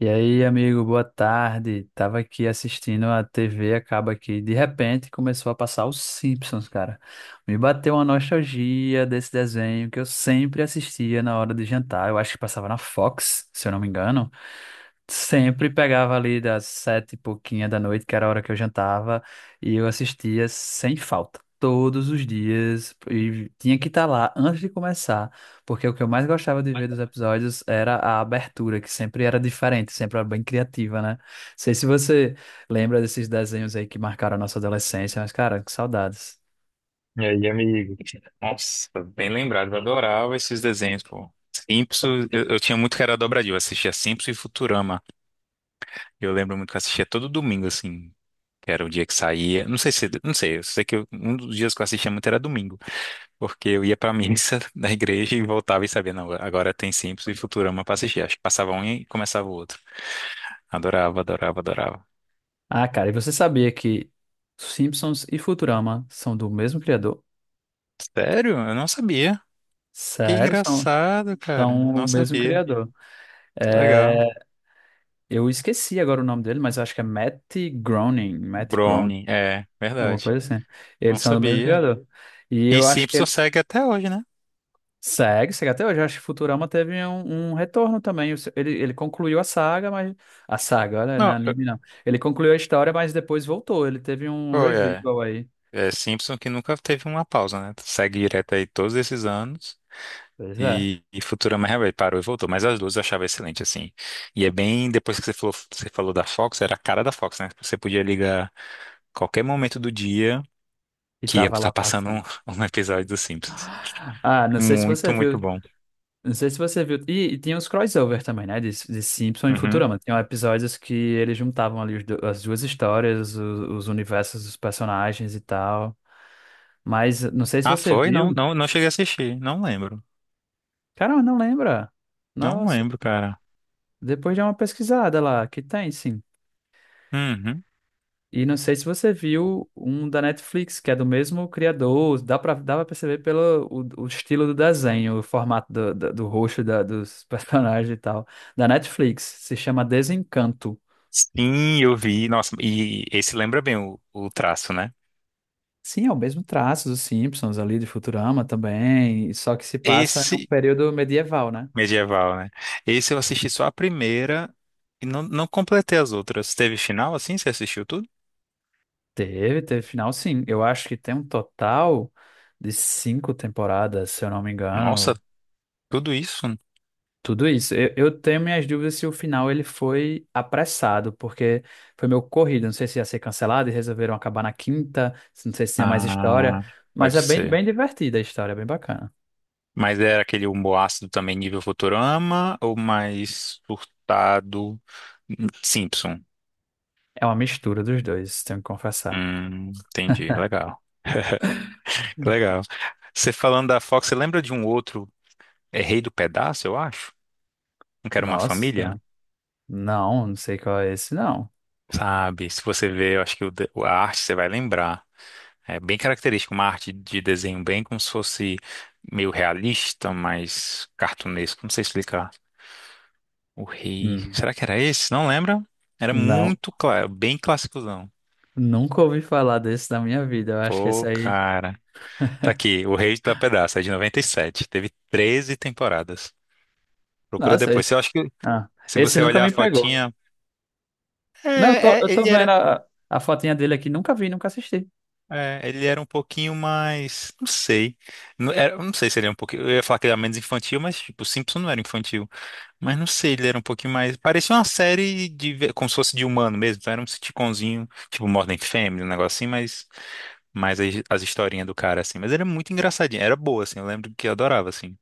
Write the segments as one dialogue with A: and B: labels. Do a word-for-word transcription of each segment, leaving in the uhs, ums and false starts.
A: E aí, amigo, boa tarde. Tava aqui assistindo a T V, acaba aqui. De repente começou a passar os Simpsons, cara. Me bateu uma nostalgia desse desenho que eu sempre assistia na hora de jantar. Eu acho que passava na Fox, se eu não me engano. Sempre pegava ali das sete e pouquinha da noite, que era a hora que eu jantava, e eu assistia sem falta, todos os dias, e tinha que estar lá antes de começar, porque o que eu mais gostava de ver dos episódios era a abertura, que sempre era diferente, sempre era bem criativa, né? Não sei se você lembra desses desenhos aí que marcaram a nossa adolescência, mas cara, que saudades.
B: E aí, amigo? Nossa, bem lembrado, eu adorava desenhos, pô. Simpsons, eu, eu tinha muito que era dobradinho, eu assistia Simpsons e Futurama. Eu lembro muito que eu assistia todo domingo, assim, que era o dia que saía. Não sei se, não sei, eu sei que eu- um dos dias que eu assistia muito era domingo, porque eu ia pra missa da igreja e voltava e sabia, não, agora tem Simpsons e Futurama pra assistir. Acho que passava um e começava o outro. Adorava, adorava, adorava.
A: Ah, cara, e você sabia que Simpsons e Futurama são do mesmo criador?
B: Sério? Eu não sabia. Que
A: Sério, são,
B: engraçado, cara.
A: são o
B: Não
A: mesmo
B: sabia.
A: criador.
B: Que legal.
A: É, eu esqueci agora o nome dele, mas acho que é Matt Groening, Matt Groening,
B: Brownie, é,
A: alguma
B: verdade.
A: coisa assim. Eles
B: Não
A: são do mesmo
B: sabia.
A: criador. E
B: E
A: eu acho que
B: Simpson
A: ele
B: segue até hoje, né?
A: segue, segue até hoje. Eu acho que Futurama teve um, um retorno também. O se- Ele, ele concluiu a saga, mas. A saga, olha, não é
B: Não, eu-
A: anime não. Ele concluiu a história, mas depois voltou. Ele teve um
B: oh, é.
A: revival aí.
B: É Simpson que nunca teve uma pausa, né? Segue direto aí todos esses anos.
A: Pois é.
B: E, e Futurama realmente parou e voltou. Mas as duas eu achava excelente, assim. E é bem. Depois que você falou, você falou da Fox, era a cara da Fox, né? Você podia ligar qualquer momento do dia
A: E
B: que ia
A: tava
B: estar
A: lá
B: passando
A: passando.
B: um, um episódio dos Simpsons.
A: Ah, não sei se você
B: Muito,
A: viu.
B: muito bom.
A: Não sei se você viu. E, e tinha os crossover também, né? De, de Simpsons e
B: Uhum.
A: Futurama. Tinham episódios que eles juntavam ali os do- as duas histórias, o- os universos dos personagens e tal. Mas não sei se
B: Ah,
A: você
B: foi? Não,
A: viu.
B: não, não cheguei a assistir. Não lembro.
A: Cara, não lembra.
B: Não
A: Nossa,
B: lembro, cara.
A: depois de uma pesquisada lá, que tem sim.
B: Uhum.
A: E não sei se você viu um da Netflix, que é do mesmo criador. Dá pra, dá pra perceber pelo o, o estilo do desenho, o formato do, do, do rosto da- dos personagens e tal. Da Netflix. Se chama Desencanto.
B: Sim, eu vi. Nossa, e esse lembra bem o, o traço, né?
A: Sim, é o mesmo traço dos Simpsons ali, de Futurama também, só que se passa num
B: Esse
A: período medieval, né?
B: medieval, né? Esse eu assisti só a primeira e não, não completei as outras. Teve final assim? Você assistiu tudo?
A: Teve, teve final, sim. Eu acho que tem um total de cinco temporadas, se eu não me
B: Nossa,
A: engano.
B: tudo isso?
A: Tudo isso. Eu, eu tenho minhas dúvidas se o final ele foi apressado, porque foi meio corrido. Não sei se ia ser cancelado e resolveram acabar na quinta. Não sei se tinha mais história,
B: Ah,
A: mas
B: pode
A: é bem,
B: ser.
A: bem divertida a história, é bem bacana.
B: Mas era aquele humor ácido também nível Futurama ou mais surtado Simpson?
A: É uma mistura dos dois, tenho que confessar.
B: Hum, entendi. Legal. Que
A: Hum.
B: legal. Você falando da Fox, você lembra de um outro, é Rei do Pedaço, eu acho? Não quero uma família?
A: Nossa. Não, não sei qual é esse, não.
B: Sabe, se você ver, eu acho que o de- a arte você vai lembrar. É bem característico, uma arte de desenho bem como se fosse meio realista, mas cartunesco. Não sei explicar. O rei.
A: Hum.
B: Será que era esse? Não lembra? Era
A: Não,
B: muito claro, bem classicozão.
A: nunca ouvi falar desse na minha vida. Eu acho que esse
B: Pô,
A: aí.
B: cara. Tá aqui, O Rei da Pedaça, é de noventa e sete. Teve treze temporadas. Procura
A: Nossa, esse,
B: depois. Eu acho que
A: ah,
B: se
A: esse
B: você
A: nunca
B: olhar a
A: me pegou.
B: fotinha.
A: Não, eu tô,
B: É, é,
A: eu tô
B: ele
A: vendo
B: era.
A: a, a fotinha dele aqui, nunca vi, nunca assisti.
B: É, ele era um pouquinho mais, não sei, não, era, eu não sei se ele era um pouquinho, eu ia falar que ele era menos infantil, mas tipo, Simpson não era infantil, mas não sei, ele era um pouquinho mais, parecia uma série de, ve- como se fosse de humano mesmo, então era um sitcomzinho, tipo Modern Family, um negócio assim, mas, mas as, as historinhas do cara assim, mas era muito engraçadinho, era boa assim, eu lembro que eu adorava assim,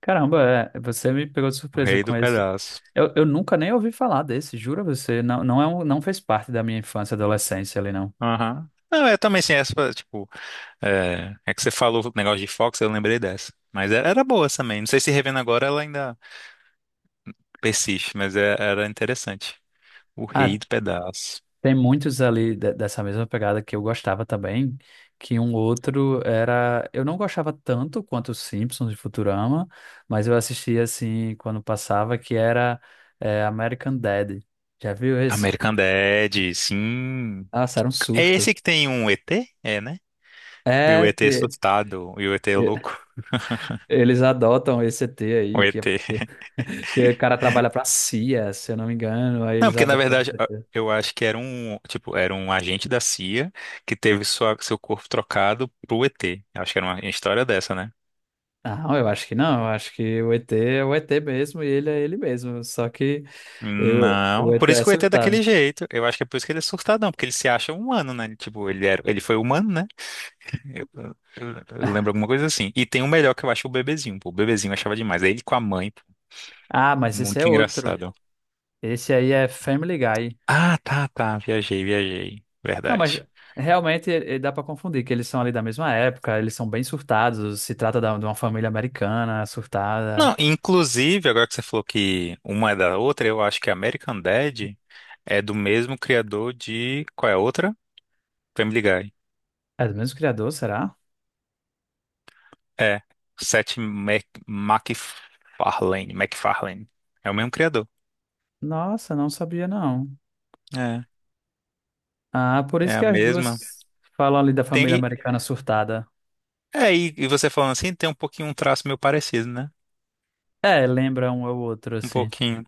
A: Caramba, é, você me pegou de
B: o
A: surpresa
B: rei
A: com
B: do
A: esse.
B: pedaço.
A: Eu, eu nunca nem ouvi falar desse, juro a você. Não, não, é um, não fez parte da minha infância e adolescência ali, não.
B: Aham. Não, é também assim, essa, tipo, é, é que você falou o negócio de Fox, eu lembrei dessa. Mas era, era boa também. Não sei se revendo agora ela ainda. Persiste, mas é- era interessante. O
A: Ah.
B: Rei do Pedaço.
A: Tem muitos ali de- dessa mesma pegada que eu gostava também, que um outro era, eu não gostava tanto quanto os Simpsons e Futurama, mas eu assistia assim quando passava, que era é, American Dad. Já viu esse?
B: American Dad, sim.
A: Nossa, era um
B: É
A: surto.
B: esse que tem um E T? É, né? E o
A: É
B: E T
A: que
B: assustado, e o E T
A: e-
B: louco.
A: eles adotam esse E T
B: O
A: aí, que,
B: E T.
A: que, que o cara trabalha pra C I A, se eu não me engano, aí
B: Não,
A: eles
B: porque na
A: adotam
B: verdade
A: esse
B: a-
A: E T.
B: eu acho que era um, tipo, era um agente da C I A que teve sua, seu corpo trocado pro E T. Eu acho que era uma história dessa, né?
A: Não, eu acho que não, eu acho que o E T é o E T mesmo e ele é ele mesmo, só que Eu, eu
B: Não,
A: vou
B: por
A: até
B: isso que o E T é
A: assustado.
B: daquele jeito. Eu acho que é por isso que ele é surtadão, porque ele se acha humano, né? Tipo, ele era, ele foi humano, né? Eu lembro alguma coisa assim. E tem o melhor que eu acho o bebezinho, pô. O bebezinho eu achava demais. É ele com a mãe, pô.
A: Ah, mas esse é
B: Muito
A: outro.
B: engraçado.
A: Esse aí é Family Guy.
B: Ah, tá, tá. Viajei, viajei.
A: Não, mas
B: Verdade.
A: realmente eh, dá pra confundir, que eles são ali da mesma época, eles são bem surtados. Se trata da- de uma família americana surtada.
B: Não, inclusive, agora que você falou que uma é da outra, eu acho que American Dad é do mesmo criador de. Qual é a outra? Family Guy.
A: É do mesmo criador, será?
B: É. Seth Mac... MacFarlane. MacFarlane. É o mesmo criador.
A: Nossa, não sabia não.
B: É.
A: Ah, por
B: É
A: isso que
B: a
A: as
B: mesma.
A: duas falam ali da
B: Tem...
A: família
B: E...
A: americana surtada.
B: É, e e você falando assim, tem um pouquinho um traço meio parecido, né?
A: É, lembra um ao outro,
B: Um
A: assim.
B: pouquinho.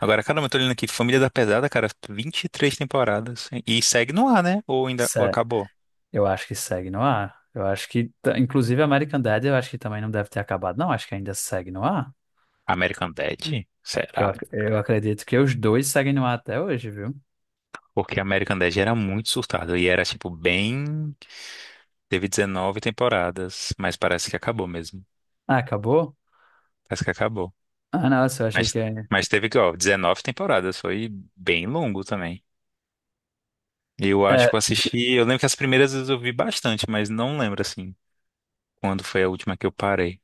B: Agora, caramba, eu tô olhando aqui, Família da Pesada, cara, vinte e três temporadas. E segue no ar, né? Ou ainda ou
A: Sé
B: acabou?
A: Eu acho que segue no ar. Eu acho que, t- inclusive, American Dad, eu acho que também não deve ter acabado. Não, acho que ainda segue no ar.
B: American Dad?
A: Eu,
B: Será?
A: ac- eu acredito que os dois seguem no ar até hoje, viu?
B: Porque American Dad era muito surtado e era, tipo, bem. Teve dezenove temporadas, mas parece que acabou mesmo.
A: Ah, acabou?
B: Parece que acabou.
A: Ah, nossa, eu achei
B: Mas,
A: que... É,
B: mas teve, ó, dezenove temporadas, foi bem longo também. Eu acho
A: é,
B: que eu assisti. Eu lembro que as primeiras vezes eu vi bastante, mas não lembro, assim, quando foi a última que eu parei.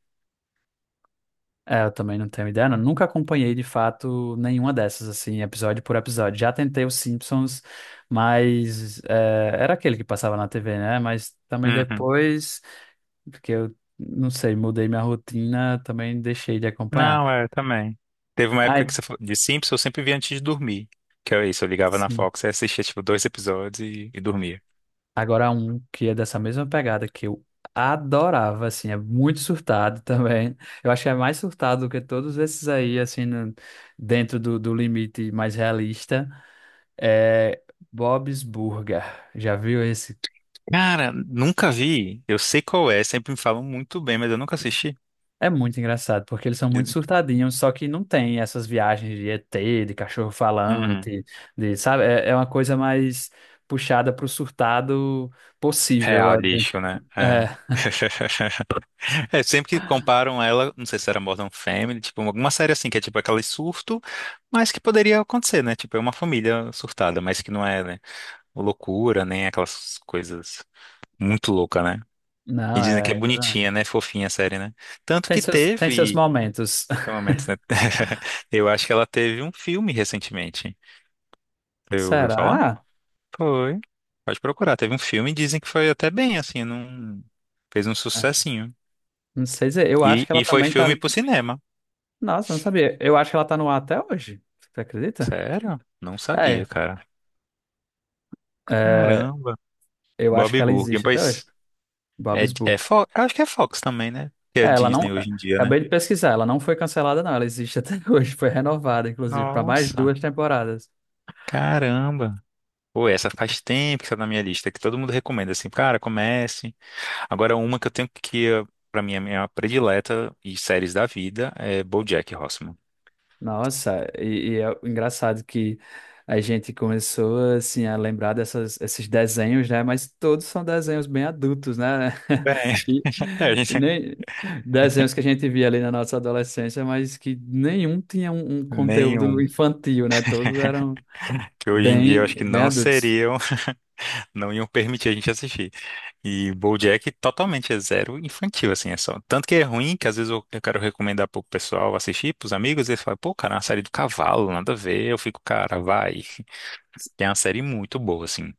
A: é, eu também não tenho ideia. Não. Nunca acompanhei, de fato, nenhuma dessas, assim, episódio por episódio. Já tentei os Simpsons, mas... é, era aquele que passava na T V, né? Mas também
B: Uhum.
A: depois, porque eu, não sei, mudei minha rotina, também deixei de acompanhar.
B: Não, é, também. Teve uma
A: Ai,
B: época que você falou de Simpsons, eu sempre via antes de dormir. Que é isso, eu ligava na
A: sim.
B: Fox e assistia, tipo, dois episódios e, e dormia.
A: Agora um que é dessa mesma pegada que eu adorava, assim, é muito surtado também. Eu acho que é mais surtado do que todos esses aí, assim, no- dentro do, do limite mais realista. É Bob's Burger. Já viu esse?
B: Cara, nunca vi. Eu sei qual é, sempre me falam muito bem, mas eu nunca assisti.
A: É muito engraçado, porque eles são muito surtadinhos, só que não tem essas viagens de E T, de cachorro
B: Uhum.
A: falante, de, sabe? É, é uma coisa mais puxada pro surtado possível.
B: Real, lixo, né? É.
A: É,
B: É, sempre que comparam ela, não sei se era Modern Family, tipo, alguma série assim, que é tipo aquele surto, mas que poderia acontecer, né? Tipo, é uma família surtada, mas que não é, né, loucura, nem aquelas coisas muito loucas, né? E
A: não,
B: dizem que é
A: é.
B: bonitinha, né? Fofinha a série, né? Tanto
A: Tem
B: que
A: seus, tem seus
B: teve.
A: momentos.
B: Tem momentos, né? Eu acho que ela teve um filme recentemente. Você ouviu falar?
A: Será?
B: Foi. Pode procurar. Teve um filme e dizem que foi até bem, assim, não fez um sucessinho.
A: Não sei dizer. Eu
B: E,
A: acho que
B: e
A: ela
B: foi
A: também
B: filme
A: tá.
B: pro cinema.
A: Nossa, não sabia. Eu acho que ela tá no ar até hoje. Você acredita?
B: Sério? Não sabia,
A: É,
B: cara.
A: é,
B: Caramba.
A: eu
B: Bob
A: acho que ela
B: Burger,
A: existe até hoje.
B: pois
A: Bob
B: é, é,
A: Esburger.
B: Fox, acho que é Fox também, né? Que é
A: É, ela não.
B: Disney hoje em dia, né?
A: Acabei de pesquisar. Ela não foi cancelada, não. Ela existe até hoje. Foi renovada, inclusive, para mais
B: Nossa,
A: duas temporadas.
B: caramba. Pô, essa faz tempo que está na minha lista, que todo mundo recomenda assim, cara, comece. Agora, uma que eu tenho que, eh, pra mim, é a minha predileta e séries da vida é BoJack Horseman.
A: Nossa, e, e é engraçado que a gente começou assim a lembrar dessas, esses desenhos, né? Mas todos são desenhos bem adultos, né?
B: Bem,
A: E,
B: a
A: e
B: gente,
A: nem desenhos que a gente via ali na nossa adolescência, mas que nenhum tinha um, um conteúdo
B: nenhum.
A: infantil, né? Todos eram
B: Que hoje em dia eu
A: bem,
B: acho que
A: bem
B: não
A: adultos.
B: seriam, não iam permitir a gente assistir. E BoJack totalmente é zero infantil, assim, é só. Tanto que é ruim que às vezes eu, eu quero recomendar pro pessoal assistir, pros amigos, e eles falam, pô, cara, é uma série do cavalo, nada a ver. Eu fico, cara, vai. É uma série muito boa, assim.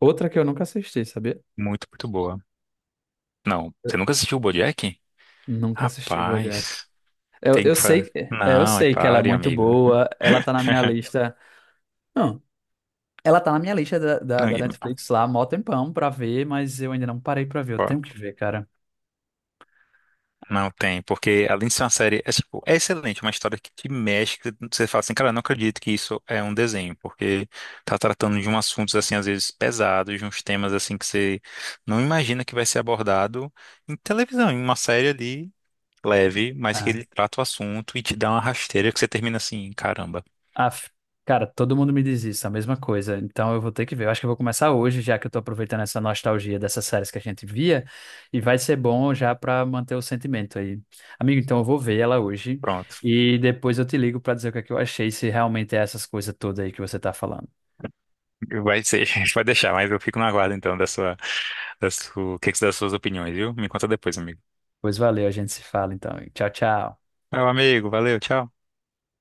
A: Outra que eu nunca assisti, sabia?
B: Muito, muito boa. Não, você nunca assistiu o BoJack?
A: Nunca assisti BoJack.
B: Rapaz,
A: Eu,
B: tem
A: eu
B: que fazer.
A: sei, é, eu
B: Não, e
A: sei que ela é
B: pare,
A: muito
B: amigo.
A: boa, ela tá na minha lista. Ela tá na minha lista da, da,
B: Não,
A: da
B: e-
A: Netflix lá, mó tempão pra ver, mas eu ainda não parei pra ver. Eu
B: ó,
A: tenho que ver, cara.
B: não tem, porque além de ser uma série, é, tipo, é excelente, é uma história que te mexe, que você fala assim, cara, eu não acredito que isso é um desenho, porque tá tratando de um assuntos, assim, às vezes pesados, de uns temas, assim, que você não imagina que vai ser abordado em televisão, em uma série ali, leve, mas que
A: Ah,
B: ele trata o assunto e te dá uma rasteira que você termina assim, caramba.
A: af- cara, todo mundo me diz isso, a mesma coisa. Então eu vou ter que ver. Eu acho que eu vou começar hoje, já que eu tô aproveitando essa nostalgia dessas séries que a gente via, e vai ser bom já pra manter o sentimento aí. Amigo, então eu vou ver ela hoje
B: Pronto,
A: e depois eu te ligo pra dizer o que é que eu achei, se realmente é essas coisas todas aí que você tá falando.
B: vai ser, vai deixar, mas eu fico na guarda então da sua. Das su- o que que você das suas opiniões, viu? Me conta depois, amigo.
A: Pois valeu, a gente se fala então. Tchau, tchau.
B: Meu amigo, valeu, tchau.